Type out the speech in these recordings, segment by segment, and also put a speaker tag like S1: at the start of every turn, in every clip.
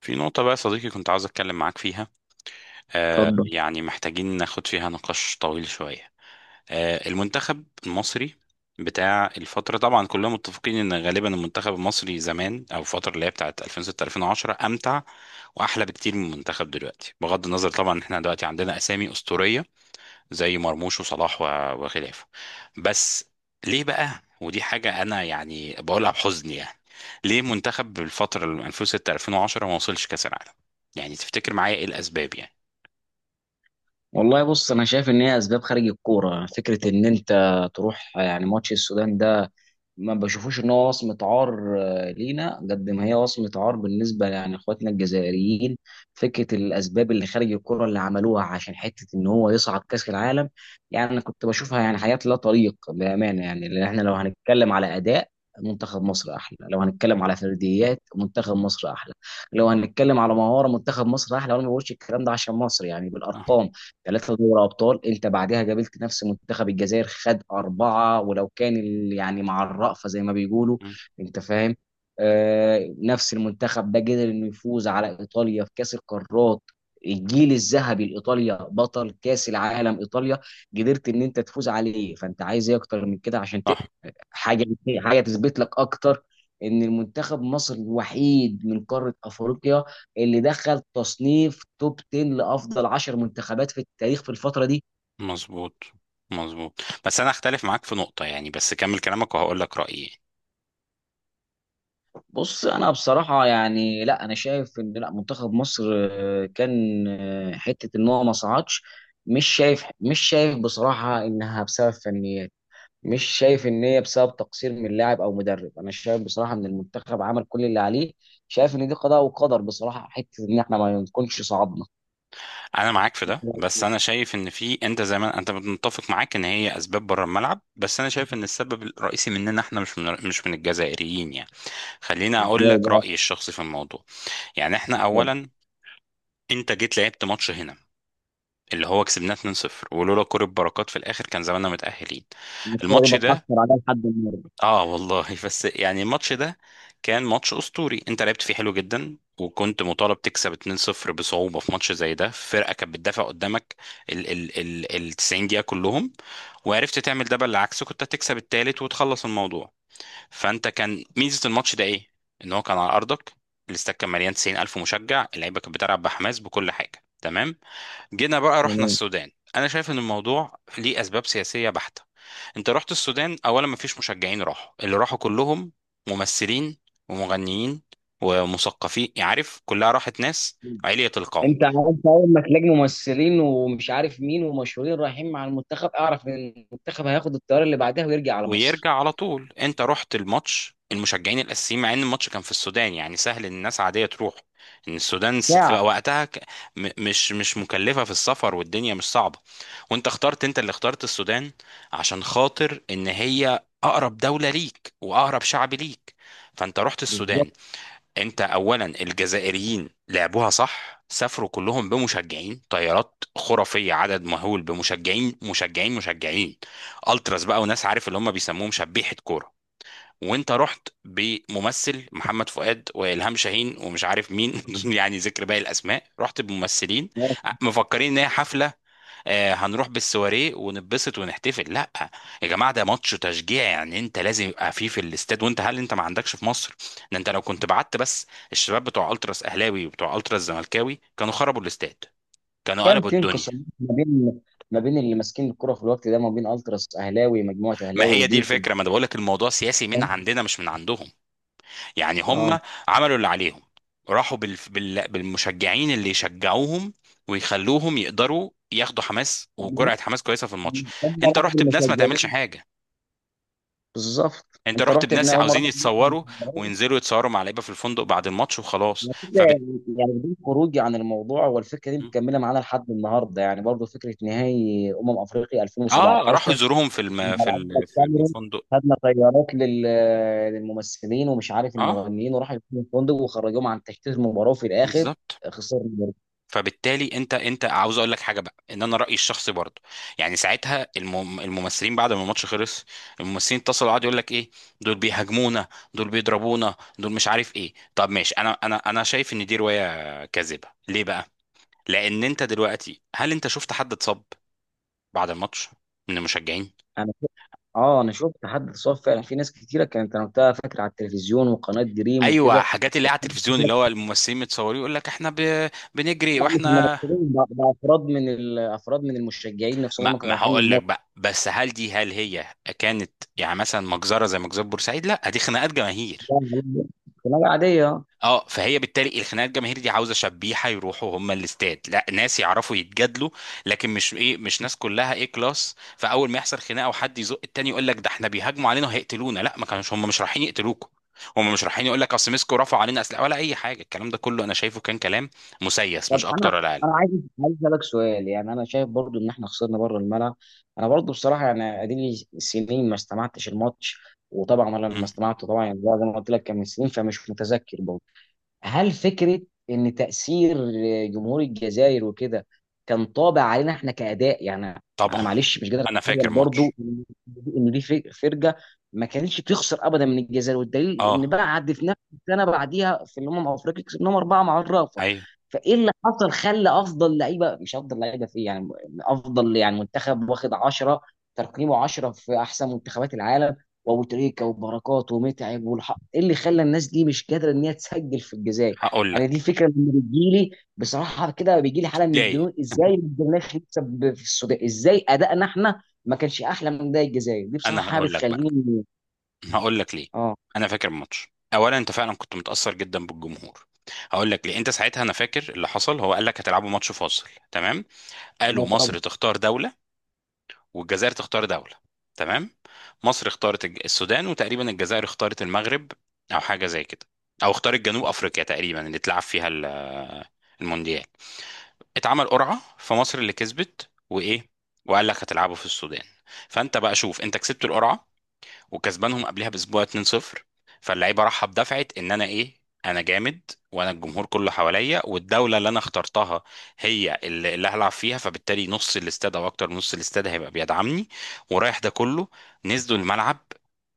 S1: في نقطة بقى يا صديقي، كنت عاوز أتكلم معاك فيها.
S2: اتفضل.
S1: يعني محتاجين ناخد فيها نقاش طويل شوية. المنتخب المصري بتاع الفترة، طبعا كلنا متفقين إن غالبا المنتخب المصري زمان، أو الفترة اللي هي بتاعت 2006 2010، أمتع وأحلى بكتير من المنتخب دلوقتي. بغض النظر طبعا إن إحنا دلوقتي عندنا أسامي أسطورية زي مرموش وصلاح وخلافه، بس ليه بقى؟ ودي حاجة أنا يعني بقولها بحزن يعني. ليه منتخب بالفترة اللي من 2006 2010 ما وصلش كأس العالم؟ يعني تفتكر معايا إيه الأسباب يعني؟
S2: والله، بص، انا شايف ان هي اسباب خارج الكوره. فكره ان انت تروح يعني ماتش السودان ده، ما بشوفوش ان هو وصمه عار لينا قد ما هي وصمه عار بالنسبه يعني اخواتنا الجزائريين. فكره الاسباب اللي خارج الكوره اللي عملوها عشان حته ان هو يصعد كاس العالم. يعني انا كنت بشوفها يعني حاجات لا طريق بامانه، يعني لان احنا لو هنتكلم على اداء منتخب مصر احلى، لو هنتكلم على فرديات منتخب مصر احلى، لو هنتكلم على مهاره منتخب مصر احلى. وانا ما بقولش الكلام ده عشان مصر، يعني
S1: صح.
S2: بالارقام ثلاثة دوري أبطال. أنت بعدها قابلت نفس منتخب الجزائر خد أربعة، ولو كان يعني مع الرأفة زي ما بيقولوا.
S1: مم.
S2: أنت فاهم؟ آه، نفس المنتخب ده قدر إنه يفوز على إيطاليا في كأس القارات، الجيل الذهبي لإيطاليا بطل كأس العالم. إيطاليا قدرت إن أنت تفوز عليه، فأنت عايز إيه أكتر من كده؟ عشان
S1: صح،
S2: حاجه، حاجه تثبت لك اكتر ان المنتخب مصر الوحيد من قاره افريقيا اللي دخل تصنيف توب 10، لافضل 10 منتخبات في التاريخ في الفتره دي.
S1: مظبوط، مظبوط. بس أنا أختلف معاك في نقطة يعني، بس كمل كلامك وهقول لك رأيي.
S2: بص انا بصراحه يعني لا، انا شايف ان لا منتخب مصر كان حته ان هو ما صعدش. مش شايف بصراحه انها بسبب فنيات. مش شايف ان هي بسبب تقصير من لاعب او مدرب. انا شايف بصراحه ان المنتخب عمل كل اللي عليه. شايف ان دي قضاء وقدر بصراحه حته ان احنا ما نكونش صعدنا.
S1: انا معاك في ده، بس انا شايف ان في، انت زي ما انت متفق معاك ان هي اسباب بره الملعب، بس انا شايف ان السبب الرئيسي مننا احنا، مش من الجزائريين يعني. خليني اقول
S2: ازاي
S1: لك
S2: بقى؟
S1: رايي الشخصي في الموضوع. يعني احنا اولا، انت جيت لعبت ماتش هنا اللي هو كسبناه 2-0، ولولا كرة بركات في الاخر كان زماننا متاهلين.
S2: الصوره
S1: الماتش
S2: دي
S1: ده،
S2: بتحصل عليها لحد النهارده.
S1: اه والله، بس يعني الماتش ده كان ماتش اسطوري، انت لعبت فيه حلو جدا، وكنت مطالب تكسب 2-0 بصعوبة في ماتش زي ده. فرقة كانت بتدافع قدامك ال 90 دقيقة كلهم، وعرفت تعمل ده، بالعكس كنت هتكسب التالت وتخلص الموضوع. فانت كان ميزة الماتش ده ايه؟ ان هو كان على ارضك، الاستاد كان مليان 90,000 مشجع، اللعيبة كانت بتلعب بحماس، بكل حاجة تمام. جينا بقى رحنا
S2: تمام.
S1: السودان. انا شايف ان الموضوع ليه اسباب سياسية بحتة. انت رحت السودان، اولا مفيش مشجعين راحوا، اللي راحوا كلهم ممثلين ومغنيين ومثقفين، يعني عارف كلها راحت ناس علية القوم.
S2: انت عارف، اول ما تلاقي ممثلين ومش عارف مين ومشهورين رايحين مع المنتخب، اعرف ان المنتخب هياخد الطياره اللي بعدها ويرجع على مصر.
S1: ويرجع على طول. انت رحت الماتش المشجعين الاساسيين، مع ان الماتش كان في السودان يعني سهل ان الناس عادية تروح. ان السودان في
S2: ساعه.
S1: وقتها مش مكلفة في السفر، والدنيا مش صعبة. وانت اخترت، انت اللي اخترت السودان عشان خاطر ان هي اقرب دولة ليك، واقرب شعب ليك. فانت رحت
S2: بالظبط.
S1: السودان. انت اولا الجزائريين لعبوها صح، سافروا كلهم بمشجعين، طيارات خرافيه، عدد مهول بمشجعين مشجعين مشجعين، التراس بقى، وناس عارف اللي هم بيسموهم شبيحه كوره. وانت رحت بممثل محمد فؤاد، والهام شاهين، ومش عارف مين يعني ذكر باقي الاسماء، رحت بممثلين مفكرين ان هي حفله. هنروح بالسواريه ونتبسط ونحتفل. لا يا جماعه، ده ماتش تشجيع يعني، انت لازم يبقى فيه في الاستاد. وانت، هل انت ما عندكش في مصر؟ ده انت لو كنت بعت بس الشباب بتوع التراس اهلاوي، وبتوع التراس زملكاوي، كانوا خربوا الاستاد، كانوا
S2: كان
S1: قلبوا
S2: في
S1: الدنيا.
S2: انقسام ما بين اللي ماسكين الكره في الوقت ده، ما بين التراس اهلاوي، مجموعه
S1: ما
S2: اهلاوي،
S1: هي دي
S2: ودي في.
S1: الفكره، ما انا بقول لك الموضوع سياسي من عندنا، مش من عندهم يعني.
S2: اه.
S1: هم عملوا اللي عليهم، راحوا بالمشجعين اللي يشجعوهم ويخلوهم يقدروا ياخدوا حماس،
S2: يعني
S1: وجرعه حماس كويسه في الماتش.
S2: هم
S1: انت
S2: راحوا
S1: رحت بناس ما تعملش
S2: بالمشجعين.
S1: حاجه،
S2: بالظبط
S1: انت
S2: انت
S1: رحت
S2: رحت
S1: بناس
S2: بناء هم
S1: عاوزين
S2: راحوا بناء
S1: يتصوروا
S2: بالمشجعين.
S1: وينزلوا يتصوروا مع لعيبه في الفندق بعد الماتش، وخلاص.
S2: على فكرة
S1: فبت...
S2: يعني كده، يعني بدون خروجي عن الموضوع، والفكره دي مكمله معانا لحد النهارده يعني برضه. فكره نهائي افريقيا
S1: اه راحوا
S2: 2017
S1: يزوروهم في الم...
S2: لما
S1: في
S2: لعبنا
S1: ال... في
S2: الكاميرون،
S1: الفندق
S2: خدنا طيارات للممثلين ومش عارف
S1: اه،
S2: المغنيين، وراحوا يكونوا فندق وخرجوهم عن تشتيت المباراه، وفي الاخر
S1: بالظبط.
S2: خسرنا برضه.
S1: فبالتالي انت عاوز اقول لك حاجه بقى، ان انا رايي الشخصي برضه، يعني ساعتها الممثلين بعد ما الماتش خلص، الممثلين اتصلوا قعدوا يقول لك ايه، دول بيهاجمونا، دول بيضربونا، دول مش عارف ايه. طب ماشي، انا شايف ان دي روايه كاذبه. ليه بقى؟ لان انت دلوقتي، هل انت شفت حد اتصاب بعد الماتش من المشجعين؟
S2: انا شفت- اه، انا شفت حد اتصاب فعلا، في ناس كتيره كانت، انا وقتها فاكر على التلفزيون وقناه دريم
S1: ايوه،
S2: وكده.
S1: حاجات اللي على التلفزيون، اللي هو الممثلين متصورين يقول لك احنا بنجري
S2: لا، مش
S1: واحنا...
S2: المنافسين ده، ده افراد من افراد من المشجعين نفسهم
S1: ما
S2: اللي كانوا
S1: ما
S2: رايحين من
S1: هقول لك
S2: الماتش.
S1: بقى، بس هل هي كانت يعني مثلا مجزره زي مجزره بورسعيد؟ لا، دي خناقات جماهير.
S2: ده، خناقه عاديه.
S1: اه، فهي بالتالي الخناقه الجماهيريه دي، عاوزه شبيحه يروحوا هم الاستاد، لا ناس يعرفوا يتجادلوا. لكن مش، ايه، مش ناس كلها ايه كلاس، فاول ما يحصل خناقه، وحد يزق التاني، يقول لك ده احنا بيهاجموا علينا وهيقتلونا. لا، ما كانوش، هم مش رايحين يقتلوكوا، هم مش رايحين. يقول لك اصل مسكوا رفعوا علينا اسلحه، ولا اي حاجه، الكلام ده كله انا شايفه كان كلام مسيس، مش
S2: طب انا،
S1: اكتر ولا اقل.
S2: عايز اسالك سؤال، يعني انا شايف برضو ان احنا خسرنا بره الملعب. انا برضو بصراحه، يعني اديلي سنين ما استمعتش الماتش. وطبعا انا لما
S1: مم.
S2: استمعته طبعا، يعني زي ما قلت لك كان من سنين، فمش متذكر برضو. هل فكرة إن تأثير جمهور الجزائر وكده كان طابع علينا إحنا كأداء يعني؟ أنا
S1: طبعا.
S2: معلش مش قادر
S1: انا
S2: أتخيل
S1: فاكر
S2: برضو
S1: ماتش...
S2: إن دي فرقة ما كانتش بتخسر أبدا من الجزائر. والدليل إن
S1: اه،
S2: بعد، في نفس السنة بعديها في الأمم الأفريقية، كسبناهم أربعة مع الرافة.
S1: ايوه،
S2: فإيه اللي حصل خلى أفضل لعيبة، مش أفضل لعيبة في إيه، يعني أفضل يعني منتخب واخد 10، ترقيمه 10 في أحسن منتخبات العالم، وابو تريكه وبركات ومتعب والحق، ايه اللي خلى الناس دي مش قادره ان هي تسجل في الجزائر؟
S1: هقول
S2: يعني
S1: لك
S2: دي فكره من بتجيلي بصراحه كده. بيجيلي حاله من
S1: ليه،
S2: الجنون ازاي ما قدرناش نكسب في السودان، ازاي ادائنا احنا ما كانش احلى من ده؟ الجزائر دي
S1: انا
S2: بصراحه
S1: هقول لك بقى،
S2: بتخليني.
S1: هقول لك ليه.
S2: اه.
S1: انا فاكر الماتش، اولا انت فعلا كنت متاثر جدا بالجمهور. هقول لك ليه، انت ساعتها، انا فاكر اللي حصل، هو قال لك هتلعبوا ماتش فاصل، تمام؟ قالوا
S2: لا طبعا.
S1: مصر تختار دوله، والجزائر تختار دوله، تمام. مصر اختارت السودان، وتقريبا الجزائر اختارت المغرب، او حاجه زي كده، او اختارت جنوب افريقيا تقريبا اللي اتلعب فيها المونديال. اتعمل قرعه، فمصر اللي كسبت، وايه، وقال لك هتلعبوا في السودان. فانت بقى شوف، انت كسبت القرعه، وكسبانهم قبلها باسبوع 2-0. فاللعيبه راحه بدفعه ان انا ايه، انا جامد، وانا الجمهور كله حواليا، والدوله اللي انا اخترتها هي اللي هلعب فيها، فبالتالي نص الاستاد، او اكتر من نص الاستاد، هيبقى بيدعمني، ورايح ده كله. نزلوا الملعب،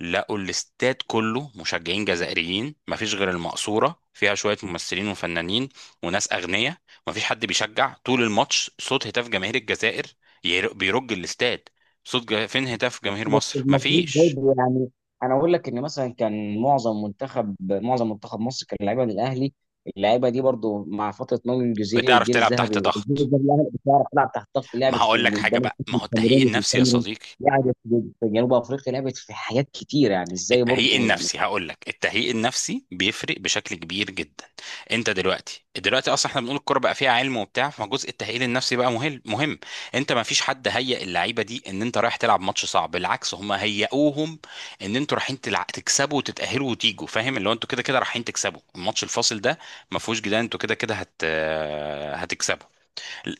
S1: لقوا الاستاد كله مشجعين جزائريين، مفيش غير المقصوره فيها شويه ممثلين وفنانين وناس اغنياء. مفيش حد بيشجع. طول الماتش صوت هتاف جماهير الجزائر بيرج الاستاد، صوت فين هتاف جماهير
S2: بس
S1: مصر؟
S2: المفروض
S1: مفيش.
S2: برضه يعني، انا اقول لك ان مثلا كان معظم منتخب مصر كان لعيبه من الاهلي. اللعيبه دي برضه مع فتره ناضي الجوزيه
S1: بتعرف
S2: والجيل
S1: تلعب تحت
S2: الذهبي، والجيل
S1: ضغط.
S2: الذهبي الاهلي بتعرف تلعب تحت ضغط،
S1: ما
S2: لعبت في
S1: هقول لك حاجه
S2: قدام
S1: بقى،
S2: الحكم
S1: ما هو التهيئ
S2: الكاميروني في
S1: النفسي يا
S2: الكاميرون،
S1: صديقي،
S2: لعبت في في جنوب افريقيا، لعبت في حاجات كتير، يعني ازاي
S1: التهيئ
S2: برضه يعني؟
S1: النفسي. هقول لك، التهيئ النفسي بيفرق بشكل كبير جدا. انت دلوقتي اصلا احنا بنقول الكوره بقى فيها علم وبتاع، فجزء التهيئ النفسي بقى مهم مهم. انت ما فيش حد هيئ اللعيبه دي ان انت رايح تلعب ماتش صعب، بالعكس، هم هيئوهم ان انتوا رايحين تكسبوا وتتاهلوا وتيجوا، فاهم؟ اللي هو انتوا كده كده رايحين تكسبوا الماتش الفاصل ده، ما فيهوش جدال، انتوا كده كده هتكسبوا.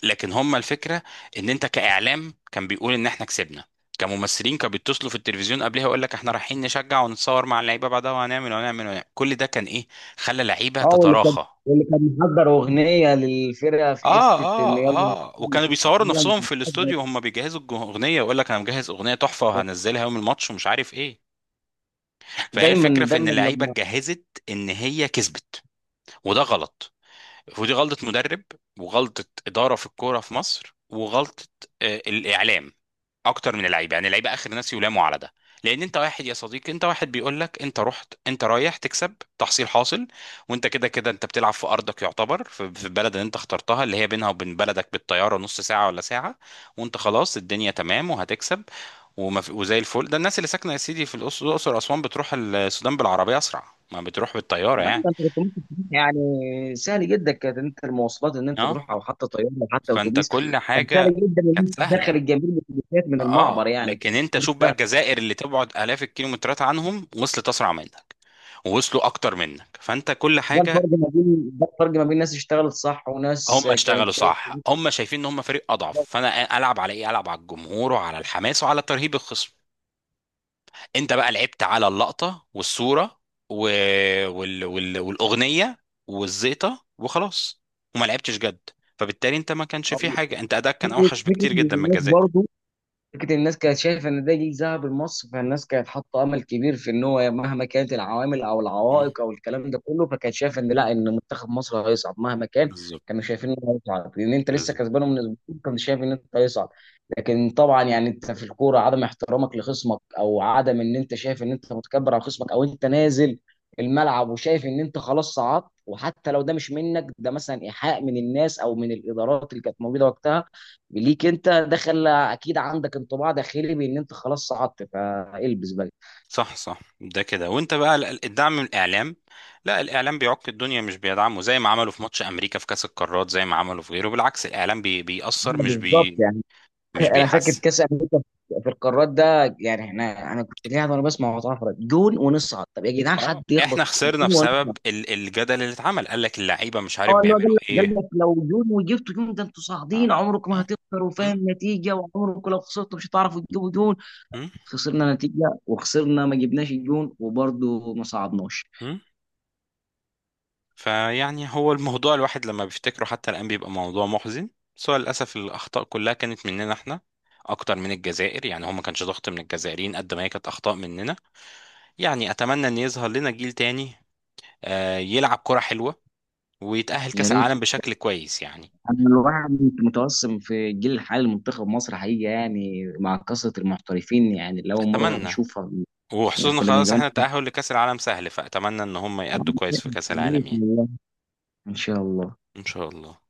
S1: لكن هم الفكره ان انت، كاعلام كان بيقول ان احنا كسبنا، كممثلين كانوا بيتصلوا في التلفزيون قبلها يقول لك احنا رايحين نشجع ونتصور مع اللعيبه بعدها، وهنعمل وهنعمل وهنعمل، كل ده كان ايه؟ خلى لعيبه
S2: اه، واللي كان
S1: تتراخى.
S2: واللي كان محضر اغنيه للفرقه في
S1: اه،
S2: حته ان
S1: اه،
S2: يلا.
S1: اه. وكانوا بيصوروا نفسهم في الاستوديو وهم بيجهزوا الاغنيه، يقول لك انا مجهز اغنيه تحفه وهنزلها يوم الماتش، ومش عارف ايه. فهي الفكره
S2: دايما
S1: في ان
S2: دايما.
S1: اللعيبه اتجهزت ان هي كسبت. وده غلط، ودي غلطة مدرب، وغلطة إدارة في الكورة في مصر، وغلطة الإعلام، أكتر من اللعيبة. يعني اللعيبة آخر ناس يلاموا على ده، لأن أنت واحد يا صديقي، أنت واحد بيقول لك أنت رحت، أنت رايح تكسب تحصيل حاصل، وأنت كده كده أنت بتلعب في أرضك يعتبر، في البلد اللي أنت اخترتها اللي هي بينها وبين بلدك بالطيارة نص ساعة ولا ساعة، وأنت خلاص الدنيا تمام وهتكسب وما في، وزي الفل. ده الناس اللي ساكنة يا سيدي في الأقصر، الأقصر وأسوان، بتروح السودان بالعربية أسرع ما بتروح بالطيارة
S2: يعني انت
S1: يعني.
S2: كنت ممكن تروح يعني. سهل جدا كانت انت المواصلات ان انت
S1: أه،
S2: تروح، او حتى طياره او حتى
S1: فأنت
S2: اتوبيس.
S1: كل
S2: كان سهل
S1: حاجة
S2: جدا
S1: كانت
S2: ان انت تدخل
S1: سهله.
S2: الجميع بالاتوبيسات من المعبر،
S1: اه،
S2: يعني
S1: لكن
S2: كان
S1: انت شوف بقى
S2: ده.
S1: الجزائر اللي تبعد الاف الكيلومترات عنهم وصلت اسرع منك، ووصلوا اكتر منك. فانت كل
S2: ده الفرق
S1: حاجه.
S2: ما بين ده الفرق ما بين ناس اشتغلت صح وناس
S1: هم
S2: كانت
S1: اشتغلوا
S2: شايفه.
S1: صح، هم شايفين ان هم فريق اضعف، فانا العب على ايه؟ العب على الجمهور، وعلى الحماس، وعلى ترهيب الخصم. انت بقى لعبت على اللقطه والصوره، و... والاغنيه والزيطه وخلاص، وما لعبتش جد. فبالتالي انت ما كانش
S2: أو،
S1: فيه حاجه، انت اداك كان
S2: فكره
S1: اوحش
S2: فكره
S1: بكتير
S2: ان
S1: جدا من
S2: الناس
S1: الجزائر.
S2: برضه، فكرة الناس كانت شايفة إن ده جيل ذهب لمصر، فالناس كانت حاطة أمل كبير في إن هو مهما كانت العوامل أو
S1: مم،
S2: العوائق أو الكلام ده كله، فكانت شايفة إن لا، إن منتخب مصر هيصعد مهما كان.
S1: بالظبط،
S2: كانوا شايفين إنه هيصعد لأن أنت لسه
S1: بالظبط.
S2: كسبانه من أسبوعين، كنت شايف إن أنت هيصعد. لكن طبعا يعني أنت في الكورة، عدم احترامك لخصمك أو عدم إن أنت شايف إن أنت متكبر على خصمك، أو أنت نازل الملعب وشايف إن أنت خلاص صعدت، وحتى لو ده مش منك، ده مثلا إيحاء من الناس أو من الإدارات اللي كانت موجودة وقتها ليك، انت دخل اكيد عندك انطباع داخلي بان انت خلاص صعدت فالبس بقى.
S1: صح، صح، ده كده. وانت بقى الدعم من الاعلام؟ لا، الاعلام بيعك الدنيا مش بيدعمه، زي ما عملوا في ماتش امريكا في كاس القارات، زي ما عملوا في غيره، بالعكس الاعلام
S2: آه،
S1: بيأثر مش
S2: بالظبط
S1: بي،
S2: يعني.
S1: مش
S2: انا فاكر
S1: بيحسن.
S2: كاس امريكا في القارات ده، يعني احنا، انا كنت قاعد وانا بسمع وأنا اتفرج، جون ونصعد. طب يا جدعان
S1: اه،
S2: حد
S1: احنا
S2: يخبط
S1: خسرنا
S2: جون
S1: بسبب
S2: ونصعد.
S1: الجدل اللي اتعمل، قال لك اللعيبه مش عارف
S2: اه، اللي هو
S1: بيعملوا
S2: قال لك قال
S1: ايه.
S2: لك لو جون وجبتوا جون ده انتوا
S1: اه،
S2: صاعدين عمرك ما
S1: اه.
S2: هتخسروا،
S1: مم،
S2: فاهم النتيجه؟ وعمرك لو خسرتوا مش هتعرفوا تجيبوا جون.
S1: مم،
S2: خسرنا نتيجه وخسرنا، ما جبناش الجون وبرضه ما صعدناش.
S1: مم. فيعني هو الموضوع الواحد لما بيفتكره حتى الان بيبقى موضوع محزن. بس هو للاسف الاخطاء كلها كانت مننا احنا اكتر من الجزائر، يعني هو ما كانش ضغط من الجزائريين قد ما هي كانت اخطاء مننا. يعني اتمنى ان يظهر لنا جيل تاني، يلعب كرة حلوة ويتأهل
S2: يا
S1: كأس
S2: ريت.
S1: العالم بشكل كويس يعني.
S2: انا الواحد متوسم في الجيل الحالي لمنتخب مصر حقيقي، يعني مع كثره المحترفين، يعني لاول مره
S1: اتمنى،
S2: نشوفها. يعني
S1: وخصوصا
S2: كنا من
S1: خلاص
S2: زمان.
S1: احنا التأهل لكأس العالم سهل، فاتمنى ان هم يأدوا كويس في كأس العالم يعني.
S2: ان شاء الله.
S1: ان شاء الله.